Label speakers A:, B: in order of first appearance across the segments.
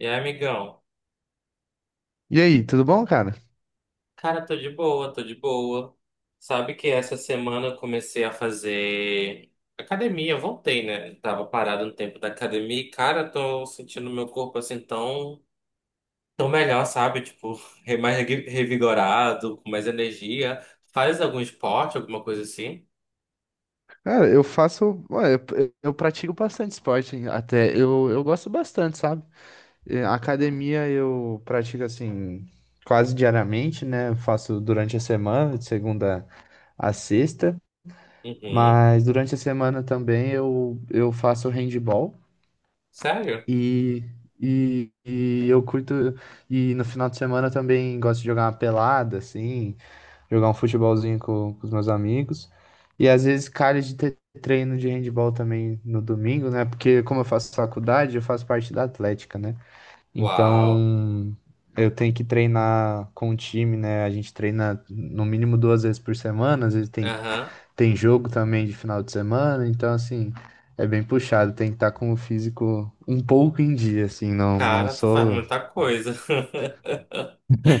A: E aí, amigão?
B: E aí, tudo bom, cara?
A: Cara, tô de boa, tô de boa. Sabe que essa semana eu comecei a fazer academia, eu voltei, né? Tava parado um tempo da academia e, cara, tô sentindo meu corpo assim tão, tão melhor, sabe? Tipo, mais revigorado, com mais energia. Faz algum esporte, alguma coisa assim?
B: Cara, eu faço. Eu pratico bastante esporte, hein, até. Eu gosto bastante, sabe? Academia eu pratico assim, quase diariamente, né? Eu faço durante a semana, de segunda a sexta.
A: Uhum.
B: Mas durante a semana também eu faço handball
A: Sério?
B: e, e eu curto. E no final de semana eu também gosto de jogar uma pelada, assim, jogar um futebolzinho com os meus amigos. E às vezes calha de ter treino de handball também no domingo, né? Porque como eu faço faculdade, eu faço parte da Atlética, né?
A: Uau.
B: Então eu tenho que treinar com o time, né? A gente treina no mínimo duas vezes por semana, às vezes tem,
A: Aham.
B: tem jogo também de final de semana, então assim, é bem puxado, tem que estar com o físico um pouco em dia, assim, não, não
A: Cara, tu faz
B: sou,
A: muita coisa.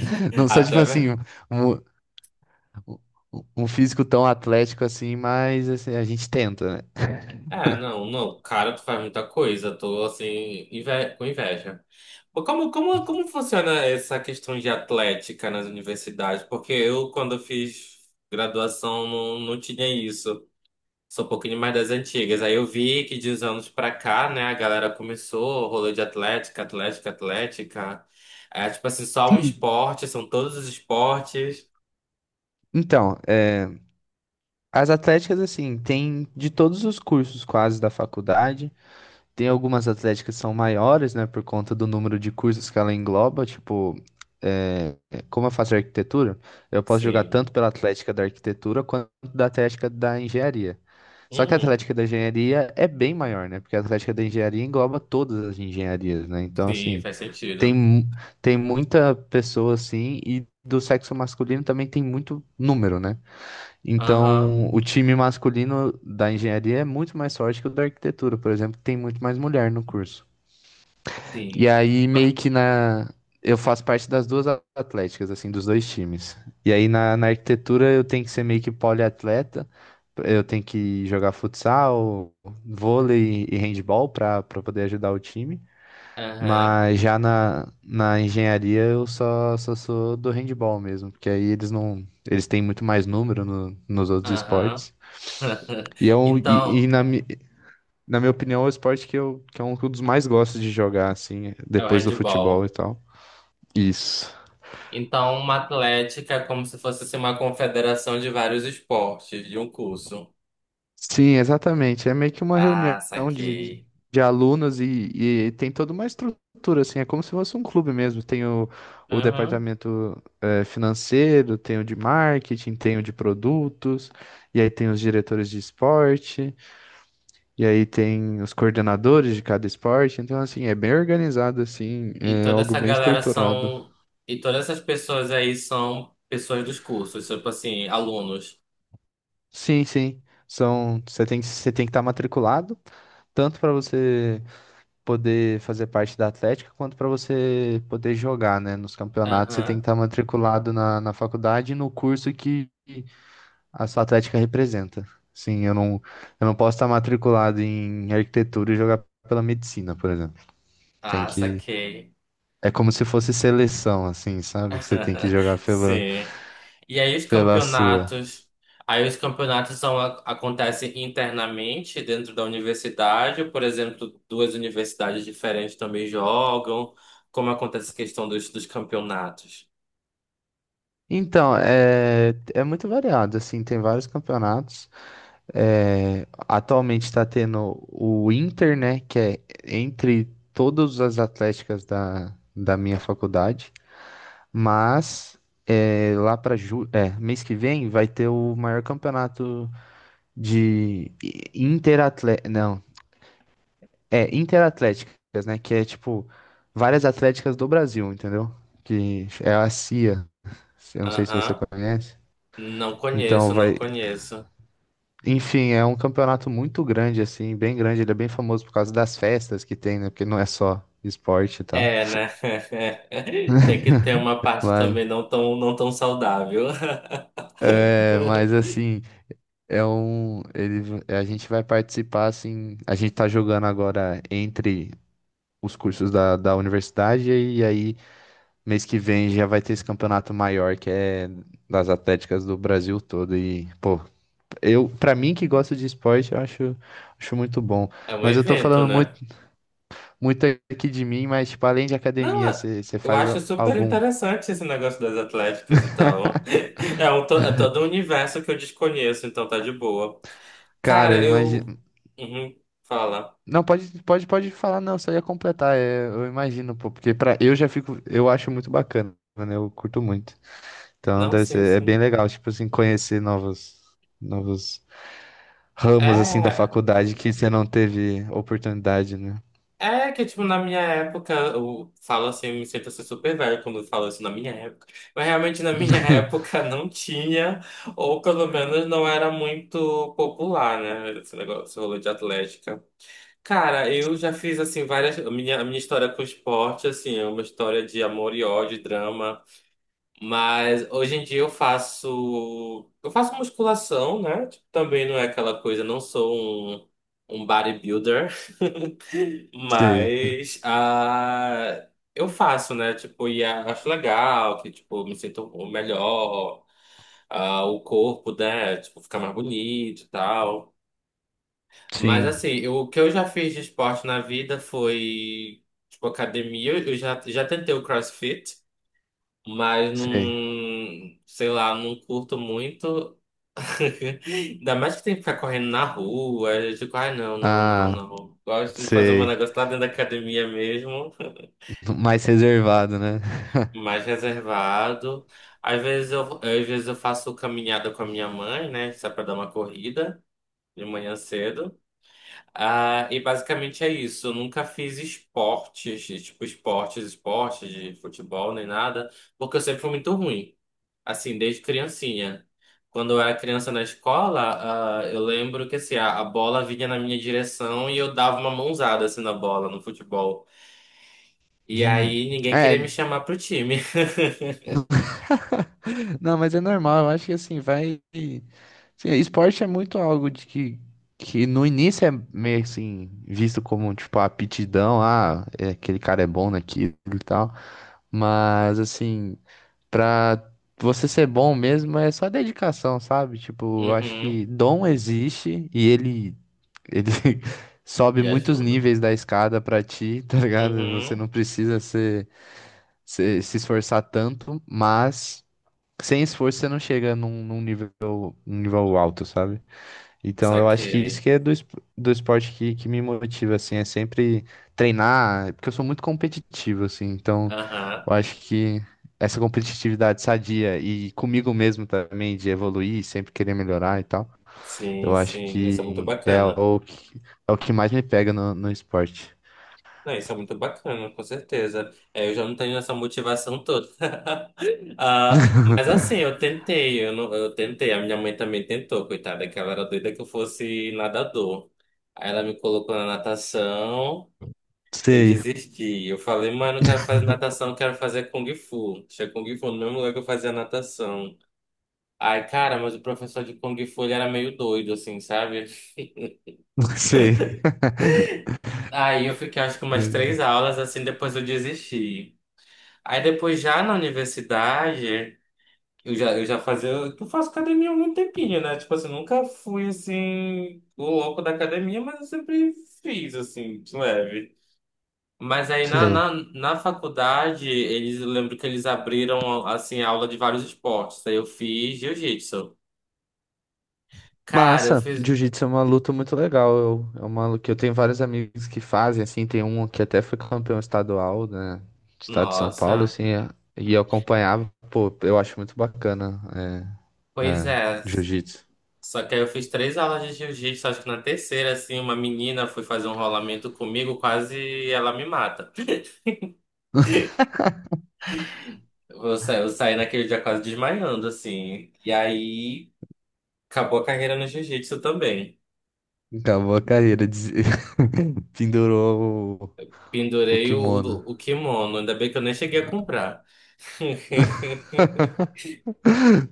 B: não sou tipo assim,
A: Até.
B: um- um um físico tão atlético assim, mas assim, a gente tenta, né?
A: Ah, não, não, cara, tu faz muita coisa, tô assim, com inveja. Pô, como funciona essa questão de atlética nas universidades? Porque eu, quando eu fiz graduação, não, não tinha isso. Sou um pouquinho mais das antigas. Aí eu vi que de uns anos pra cá, né, a galera começou o rolê de atlética, atlética, atlética. É tipo assim, só um esporte, são todos os esportes.
B: Então, é, as atléticas, assim, tem de todos os cursos quase da faculdade. Tem algumas atléticas que são maiores, né, por conta do número de cursos que ela engloba. Tipo, é, como eu faço arquitetura, eu posso jogar
A: Sim.
B: tanto pela atlética da arquitetura quanto da atlética da engenharia. Só que a
A: Hum,
B: atlética da engenharia é bem maior, né? Porque a atlética da engenharia engloba todas as engenharias, né? Então,
A: sim,
B: assim.
A: faz
B: Tem,
A: sentido.
B: mu- Tem muita pessoa assim, e do sexo masculino também tem muito número, né?
A: Aham,
B: Então, o time masculino da engenharia é muito mais forte que o da arquitetura, por exemplo, que tem muito mais mulher no curso. E
A: sim.
B: aí, meio
A: Ba-.
B: que na. Eu faço parte das duas atléticas, assim, dos dois times. E aí, na arquitetura, eu tenho que ser meio que poliatleta, eu tenho que jogar futsal, vôlei e handball para poder ajudar o time.
A: Aham.
B: Mas já na engenharia eu só sou do handball mesmo, porque aí eles não, eles têm muito mais número nos outros
A: Aham.
B: esportes. E, é um, e, e
A: Então,
B: na, mi- Na minha opinião, é o esporte que eu, que é um dos mais gosto de jogar, assim,
A: é o
B: depois do futebol e
A: handball.
B: tal. Isso.
A: Então, uma atlética é como se fosse assim, uma confederação de vários esportes, de um curso.
B: Sim, exatamente. É meio que uma reunião
A: Ah,
B: de, de,
A: saquei.
B: de alunos e tem toda uma estrutura, assim, é como se fosse um clube mesmo. Tem o
A: Aham.
B: departamento financeiro, tem o de marketing, tem o de produtos, e aí tem os diretores de esporte, e aí tem os coordenadores de cada esporte. Então, assim, é bem organizado, assim,
A: E
B: é
A: toda
B: algo
A: essa
B: bem
A: galera
B: estruturado.
A: são. E todas essas pessoas aí são pessoas dos cursos, tipo assim, alunos.
B: Sim, sim. São, você tem que estar matriculado, tanto para você poder fazer parte da Atlética, quanto para você poder jogar, né, nos campeonatos. Você tem que
A: Aham.
B: estar matriculado na faculdade e no curso que a sua Atlética representa. Sim, eu não, eu não posso estar matriculado em arquitetura e jogar pela medicina, por exemplo. Tem
A: Ah,
B: que.
A: saquei.
B: É como se fosse seleção, assim, sabe? Você tem que jogar
A: Sim. E
B: pela sua.
A: aí os campeonatos são, acontecem internamente dentro da universidade, por exemplo, duas universidades diferentes também jogam. Como acontece a questão dos, dos campeonatos?
B: Então, é, é muito variado, assim, tem vários campeonatos. É, atualmente está tendo o Inter, né? Que é entre todas as atléticas da minha faculdade. Mas é, lá para ju é, mês que vem vai ter o maior campeonato de interatléticas. Não, é interatléticas, né? Que é tipo várias atléticas do Brasil, entendeu? Que é a CIA. Eu não sei se você
A: Aham.
B: conhece.
A: Não
B: Então
A: conheço, não
B: vai,
A: conheço.
B: Enfim, é um campeonato muito grande, assim, bem grande. Ele é bem famoso por causa das festas que tem, né? Porque não é só esporte e tal.
A: É, né? Tem que ter uma parte
B: Mas,
A: também não tão, não tão saudável.
B: é, mas assim, é um. Ele, a gente vai participar, assim. A gente tá jogando agora entre os cursos da universidade, e aí mês que vem já vai ter esse campeonato maior que é das atléticas do Brasil todo. E, pô, eu, pra mim que gosto de esporte, acho muito bom.
A: É um
B: Mas eu tô
A: evento,
B: falando muito.
A: né?
B: muito aqui de mim, mas tipo, além de
A: Não,
B: academia,
A: é-
B: você
A: eu
B: faz
A: acho super
B: algum?
A: interessante esse negócio das atléticas e tal. É, um, é todo um universo que eu desconheço, então tá de boa.
B: Cara,
A: Cara,
B: eu
A: eu.
B: imagino.
A: Uhum, fala.
B: Não, pode falar, não, só ia completar. É, eu imagino, pô, porque pra, eu já fico, eu acho muito bacana, né? Eu curto muito. Então,
A: Não,
B: deve
A: sim,
B: ser, é bem
A: sim.
B: legal, tipo assim, conhecer novos, novos ramos, assim, da
A: É.
B: faculdade que você não teve oportunidade, né?
A: É que, tipo, na minha época, eu falo assim, eu me sinto assim super velho quando eu falo isso na minha época. Mas realmente na minha época não tinha, ou pelo menos não era muito popular, né? Esse negócio, esse rolê de atlética. Cara, eu já fiz assim várias. A minha história com esporte, assim, é uma história de amor e ódio, drama. Mas hoje em dia eu faço. Eu faço musculação, né? Tipo, também não é aquela coisa, não sou um, um bodybuilder.
B: Sei.
A: Mas ah, eu faço, né? Tipo, e acho legal, que tipo, me sinto melhor, ah, o corpo, né? Tipo, fica mais bonito e tal. Mas
B: Sim,
A: assim, eu- o que eu já fiz de esporte na vida foi, tipo, academia. Eu já tentei o CrossFit, mas não,
B: sei.
A: sei lá, não curto muito. Ainda mais que tem que ficar correndo na rua. Eu digo, ai, não, não, não,
B: Ah,
A: não. Gosto de fazer um
B: sei.
A: negócio lá dentro da academia mesmo,
B: Mais reservado, né?
A: mais reservado. Às vezes eu faço caminhada com a minha mãe, né? Só pra dar uma corrida de manhã cedo. Ah, e basicamente é isso. Eu nunca fiz esportes, tipo esportes, esportes de futebol nem nada, porque eu sempre fui muito ruim, assim, desde criancinha. Quando eu era criança na escola, ah, eu lembro que assim, a bola vinha na minha direção e eu dava uma mãozada assim na bola, no futebol. E
B: Hum.
A: aí ninguém
B: É,
A: queria me chamar pro time.
B: não, mas é normal, eu acho que assim, vai. Sim, esporte é muito algo que no início é meio assim, visto como tipo a aptidão, ah, é, aquele cara é bom naquilo e tal. Mas assim, pra você ser bom mesmo é só dedicação, sabe? Tipo, eu acho
A: Uhum,
B: que dom existe ele sobe
A: e
B: muitos
A: ajuda.
B: níveis da escada pra ti, tá ligado? Você
A: Uhum,
B: não precisa ser, se esforçar tanto, mas sem esforço você não chega num nível alto, sabe? Então eu acho que isso
A: saquei.
B: que é do esporte que me motiva, assim, é sempre treinar, porque eu sou muito competitivo, assim, então
A: Aham.
B: eu acho que essa competitividade sadia e comigo mesmo também, de evoluir, sempre querer melhorar e tal,
A: Sim,
B: eu acho
A: sim, isso é muito
B: que
A: bacana.
B: é o que mais me pega no esporte.
A: Não, isso é muito bacana, com certeza. É, eu já não tenho essa motivação toda. Ah, mas assim, eu tentei, eu, não- eu tentei, a minha mãe também tentou, coitada, que ela era doida que eu fosse nadador. Aí ela me colocou na natação, eu
B: Sei,
A: desisti. Eu falei, mãe, eu não quero fazer natação, eu quero fazer Kung Fu. Tinha Kung Fu no mesmo lugar que eu fazia natação. Ai, cara, mas o professor de Kung Fu, ele era meio doido, assim, sabe?
B: sei.
A: Aí eu fiquei, acho que umas três aulas, assim, depois eu desisti. Aí depois já na universidade, eu já fazia. Eu faço academia há algum tempinho, né? Tipo assim, nunca fui assim, o louco da academia, mas eu sempre fiz, assim, de leve. Mas aí na,
B: Sei.
A: na, na faculdade, eles, eu lembro que eles abriram, assim, aula de vários esportes. Aí eu fiz jiu-jitsu. Cara, eu
B: Massa,
A: fiz.
B: jiu-jitsu é uma luta muito legal. Eu, é uma luta que eu tenho vários amigos que fazem, assim, tem um que até foi campeão estadual, né, do estado de São Paulo,
A: Nossa,
B: assim, é, e eu acompanhava, pô, eu acho muito bacana, é,
A: pois
B: é,
A: é.
B: jiu-jitsu.
A: Só que aí eu fiz três aulas de jiu-jitsu, acho que na terceira, assim, uma menina foi fazer um rolamento comigo, quase ela me mata. Eu saí naquele dia quase desmaiando, assim. E aí acabou a carreira no jiu-jitsu também.
B: Acabou a carreira, pendurou o
A: Pendurei o,
B: kimono.
A: o, o kimono, ainda bem que eu nem cheguei a comprar.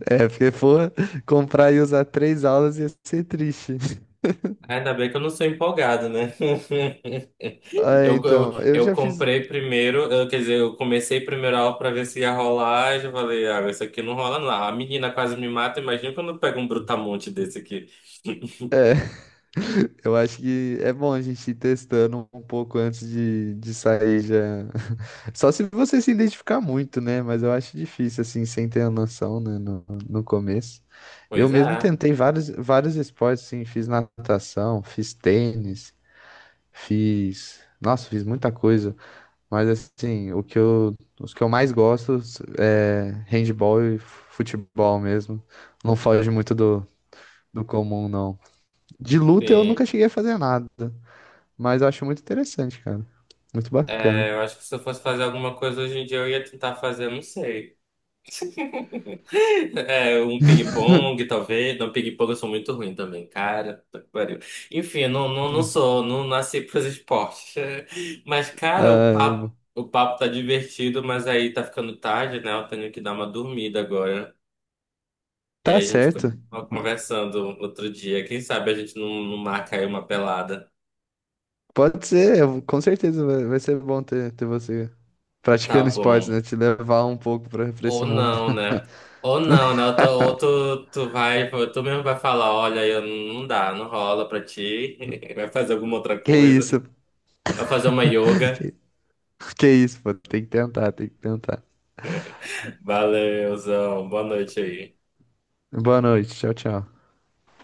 B: É, porque for comprar e usar três aulas ia ser triste.
A: Ainda bem que eu não sou empolgado, né?
B: Ah,
A: Eu, eu,
B: então, eu
A: eu
B: já fiz.
A: comprei primeiro, quer dizer, eu comecei primeiro a aula pra ver se ia rolar. E eu falei, ah, isso aqui não rola, não. A menina quase me mata, imagina quando eu pego um brutamonte desse aqui.
B: Eu acho que é bom a gente ir testando um pouco antes de sair já. Só se você se identificar muito, né? Mas eu acho difícil, assim, sem ter a noção, né? No começo. Eu
A: Pois
B: mesmo
A: é,
B: tentei vários, vários esportes, assim, fiz natação, fiz tênis, fiz. Nossa, fiz muita coisa. Mas, assim, os que eu mais gosto é handball e futebol mesmo. Não foge muito do comum, não. De luta eu nunca
A: sim.
B: cheguei a fazer nada. Mas eu acho muito interessante, cara. Muito bacana.
A: É, eu acho que se eu fosse fazer alguma coisa hoje em dia, eu ia tentar fazer, não sei. É, um ping-pong, talvez. Não, ping-pong eu sou muito ruim também, cara. Puta que pariu. Enfim, não, não, não sou, não nasci pros esportes. Mas, cara, o
B: Ah,
A: papo, o papo tá divertido, mas aí tá ficando tarde, né? Eu tenho que dar uma dormida agora. E
B: tá
A: aí a gente
B: certo.
A: continua conversando outro dia. Quem sabe a gente não, não marca aí uma pelada.
B: Pode ser, eu, com certeza vai ser bom ter você
A: Tá
B: praticando esportes,
A: bom.
B: né? Te levar um pouco pra esse
A: Ou
B: mundo.
A: não, né? Ou não, né? Ou tu, ou tu vai, tu mesmo vai falar, olha, eu não dá, não rola pra ti. Vai fazer alguma outra
B: Que
A: coisa.
B: isso,
A: Vai fazer uma yoga.
B: que, que isso, pô. Tem que tentar, tem que tentar.
A: Valeuzão, boa noite aí.
B: Boa noite, tchau, tchau.